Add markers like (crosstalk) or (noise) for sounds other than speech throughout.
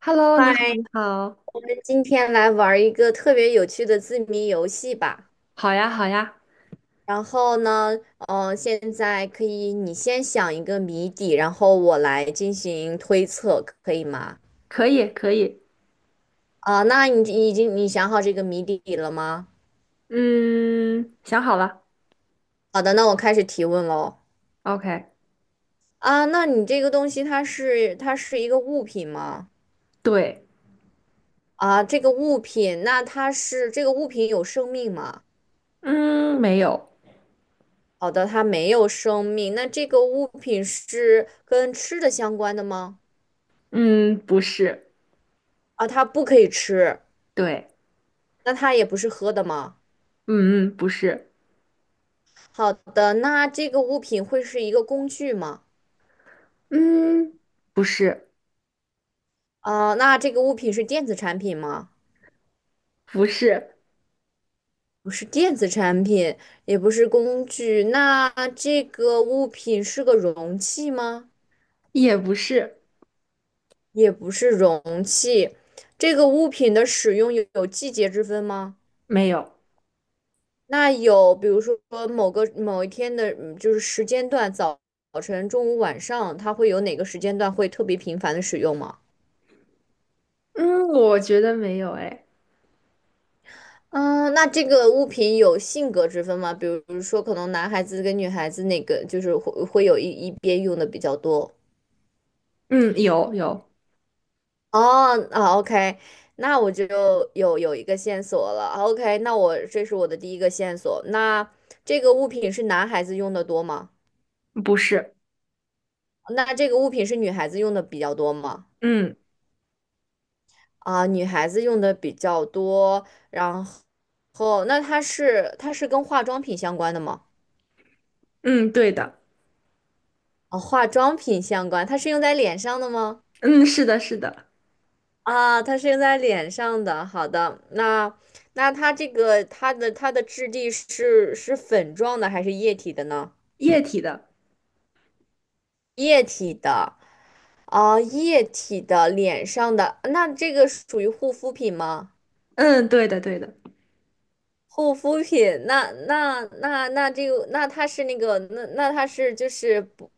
Hello，你好，嗨，你好。那今天来玩儿一个特别有趣的字谜游戏吧。好呀，好呀。然后呢，现在可以你先想一个谜底，然后我来进行推测，可以吗？可以，可以。啊、那你已经想好这个谜底了吗？嗯，想好了好的，那我开始提问喽。，OK。啊、那你这个东西它是一个物品吗？对。啊、这个物品，那它是这个物品有生命吗？嗯，没有。好的，它没有生命。那这个物品是跟吃的相关的吗？嗯，不是。啊，它不可以吃，对。那它也不是喝的吗？嗯嗯，不是。好的，那这个物品会是一个工具吗？嗯，不是。啊，那这个物品是电子产品吗？不是。不是电子产品，也不是工具。那这个物品是个容器吗？也不是。也不是容器。这个物品的使用有季节之分吗？没有。那有，比如说某一天的，就是时间段，早晨、中午、晚上，它会有哪个时间段会特别频繁的使用吗？嗯，我觉得没有，哎。嗯，那这个物品有性格之分吗？比如说，可能男孩子跟女孩子哪个就是会有一边用的比较多。嗯，有，有。哦，啊，OK，那我就有一个线索了。OK，那我这是我的第一个线索。那这个物品是男孩子用的多吗？不是。那这个物品是女孩子用的比较多吗？嗯。啊，女孩子用的比较多。然后，那它是跟化妆品相关的吗？嗯，对的。啊，化妆品相关，它是用在脸上的吗？嗯，是的，是的。啊，它是用在脸上的。好的，那那它这个它的它的质地是粉状的还是液体的呢？液体的。液体的，啊，液体的脸上的，那这个属于护肤品吗？嗯，对的，对的。护肤品，那那那那这个，那它是那个，那那它是就是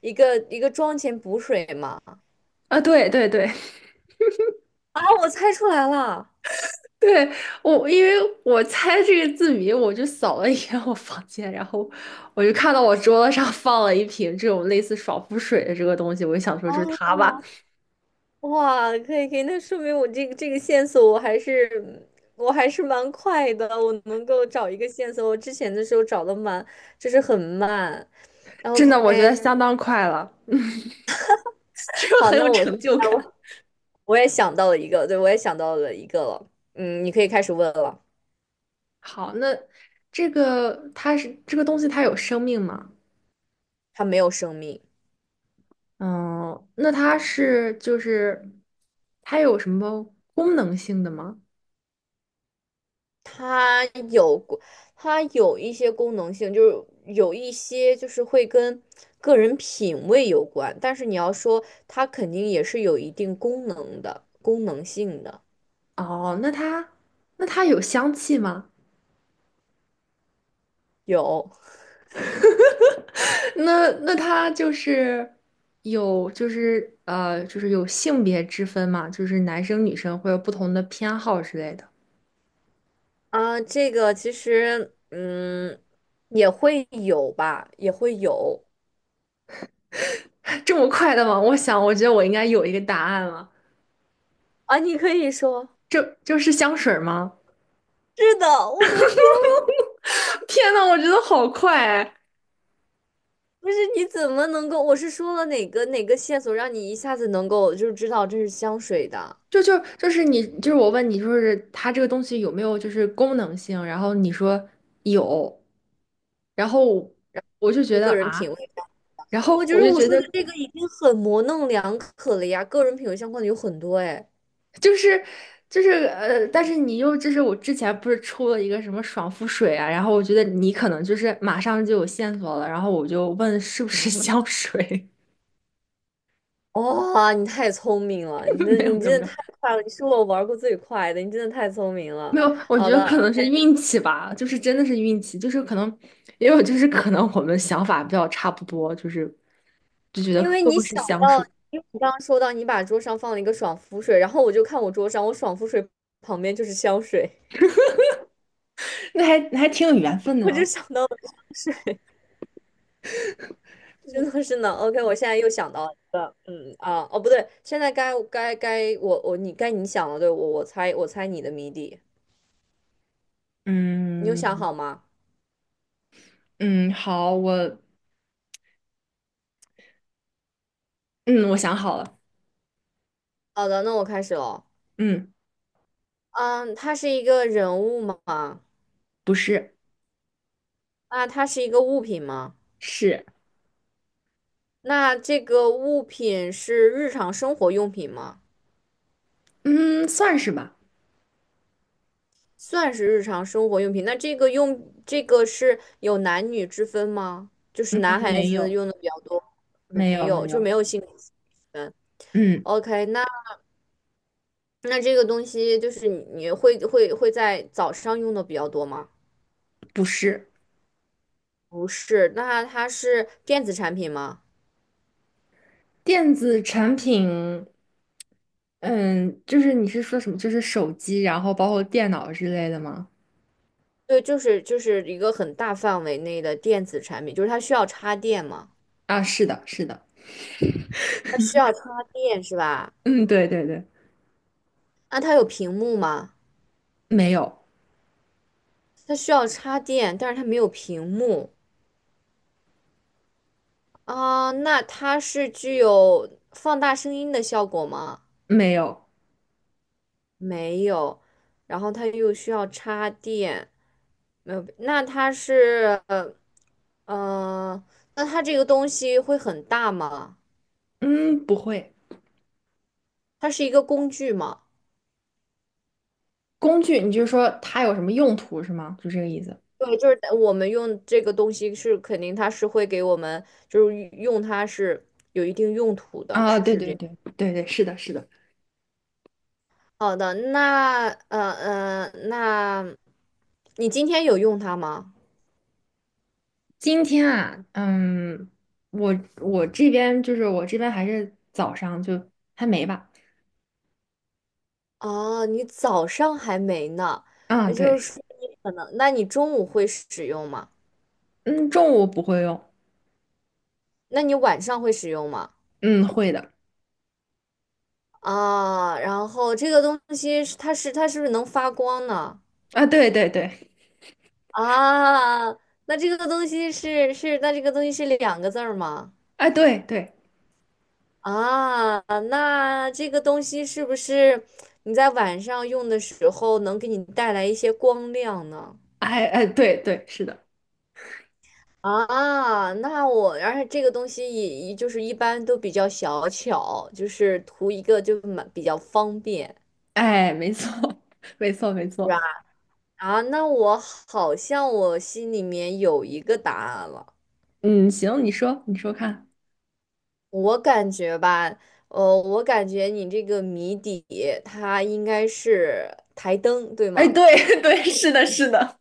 一个妆前补水吗？啊，对，对，对。啊，我猜出来了。对，我，因为我猜这个字谜，我就扫了一眼我房间，然后我就看到我桌子上放了一瓶这种类似爽肤水的这个东西，我就想说就是它吧。哦哇，可以可以，那说明我这个线索我还是蛮快的，我能够找一个线索。我之前的时候找的就是很慢。然后 真 OK，的，我觉得相当快了，(laughs) 这个好，很那有我成就感。我也想到了一个，对，我也想到了一个了。嗯，你可以开始问了。好，那这个它是这个东西，它有生命吗？它没有生命，嗯，那它是就是它有什么功能性的吗？它有过，它有一些功能性，就是有一些就是会跟个人品味有关，但是你要说它肯定也是有一定功能的，功能性的。哦，那它那它有香气吗？有那他就是有就是有性别之分嘛，就是男生女生会有不同的偏好之类的。啊，这个其实也会有吧，也会有 (laughs) 这么快的吗？我想，我觉得我应该有一个答案了。啊，你可以说。这就是香水吗？是的，我的天，(laughs) 天呐，我觉得好快哎。不是你怎么能够？我是说了哪个哪个线索让你一下子能够就是知道这是香水的？就是你我问你，就是它这个东西有没有就是功能性？然后你说有，然后我就觉跟得个人品啊，味，然我后觉我得就我觉说得的这个已经很模棱两可了呀，个人品味相关的有很多哎。就是但是你又就是我之前不是出了一个什么爽肤水啊，然后我觉得你可能就是马上就有线索了，然后我就问是不是香水。哇、你太聪明了，(laughs) 没有你没有真没的有太快了，你是我玩过最快的，你真的太聪明没了。有，我觉好得的。可能是运气吧，就是真的是运气，就是可能也有就是可能我们想法比较差不多，就是就觉得因为会不你会想是香到，水？因为你刚刚说到你把桌上放了一个爽肤水，然后我就看我桌上，我爽肤水旁边就是香水，那还挺有缘分 (laughs) 的我就呢。想到了香水真的是呢。OK，我现在又想到了哦不对，现在该你想了，对我猜你的谜底，你有想嗯。好吗？嗯，好，我嗯我想好了。好的，那我开始了。嗯，嗯，它是一个人物吗？不是。那它是一个物品吗？是。那这个物品是日常生活用品吗？嗯算是吧。算是日常生活用品。那这个用这个是有男女之分吗？就是男孩没子有，用的比较多，没没有，有，没就没有。有性别之分。嗯，OK，那这个东西就是你会在早上用的比较多吗？不是不是，那它是电子产品吗？电子产品。嗯，就是你是说什么？就是手机，然后包括电脑之类的吗？对，就是一个很大范围内的电子产品，就是它需要插电吗？啊，是的，是的。它需要插电是吧？嗯，对对对。那它有屏幕吗？没有。它需要插电，但是它没有屏幕。啊，那它是具有放大声音的效果吗？没有。没有，然后它又需要插电，没有。那它是，呃那它这个东西会很大吗？嗯，不会。它是一个工具吗？工具，你就是说它有什么用途是吗？就这个意思。对，就是我们用这个东西是肯定它是会给我们，就是用它是有一定用途的，啊，对对这对对对，是的，是的。好的，那那你今天有用它吗？今天啊，嗯，我这边还是早上就还没吧。哦，你早上还没呢，啊，也就是对。说你可能，那你中午会使用吗？嗯，中午不会用。那你晚上会使用吗？嗯，会的。啊，然后这个东西它是不是能发光呢？啊，对对对。啊，那这个东西是这个东西是两个字儿吗？哎，对对。啊，那这个东西是不是你在晚上用的时候能给你带来一些光亮呢？哎哎，对对，是的。啊，那我，而且这个东西也就是一般都比较小巧，就是图一个就比较方便，哎，没错。(laughs) 没错，没是吧？错。啊，那我好像我心里面有一个答案了，嗯，行，你说，你说看。我感觉吧，我感觉你这个谜底它应该是台灯，对哎，吗？对 (laughs) 对，是的，是的。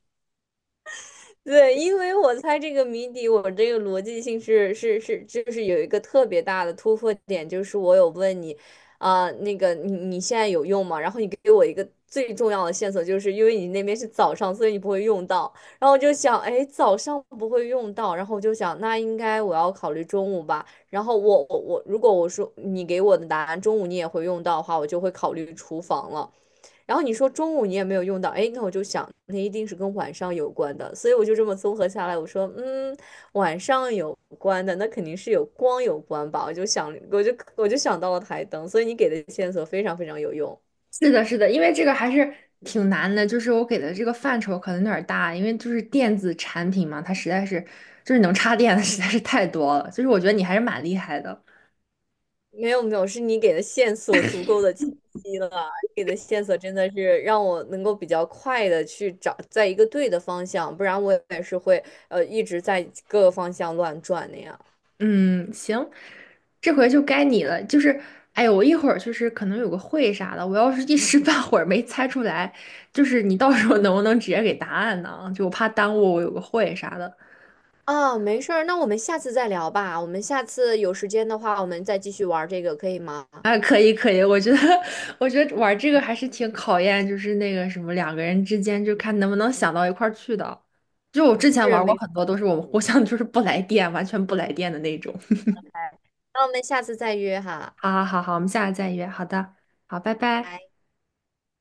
对，因为我猜这个谜底，我这个逻辑性就是有一个特别大的突破点，就是我有问你，啊、那个你现在有用吗？然后你给我一个最重要的线索，就是因为你那边是早上，所以你不会用到。然后我就想，哎，早上不会用到，然后我就想，那应该我要考虑中午吧。然后我我我，如果我说你给我的答案中午你也会用到的话，我就会考虑厨房了。然后你说中午你也没有用到，哎，那我就想，那一定是跟晚上有关的，所以我就这么综合下来，我说，嗯，晚上有关的，那肯定是有光有关吧，我就想，我就想到了台灯，所以你给的线索非常非常有用，是的，是的，因为这个还是挺难的，就是我给的这个范畴可能有点儿大，因为就是电子产品嘛，它实在是就是能插电的实在是太多了，就是我觉得你还是蛮厉害的。没有没有，是你给的线索足够的清晰了，给的线索真的是让我能够比较快的去找在一个对的方向，不然我也是会一直在各个方向乱转那样。嗯，行，这回就该你了。就是，哎呦，我一会儿就是可能有个会啥的，我要是一时半会儿没猜出来，就是你到时候能不能直接给答案呢？就我怕耽误我有个会啥的。啊，没事儿，那我们下次再聊吧。我们下次有时间的话，我们再继续玩儿这个，可以吗？啊，可以可以，我觉得 (laughs) 我觉得玩这个还是挺考验，就是那个什么两个人之间，就看能不能想到一块儿去的。就我之前是，玩没过问很题。多，都是我们互相就是不来电，完全不来电的那种。那我们下次再约哈。好好好好，我们下次再约。好的，好，拜拜。拜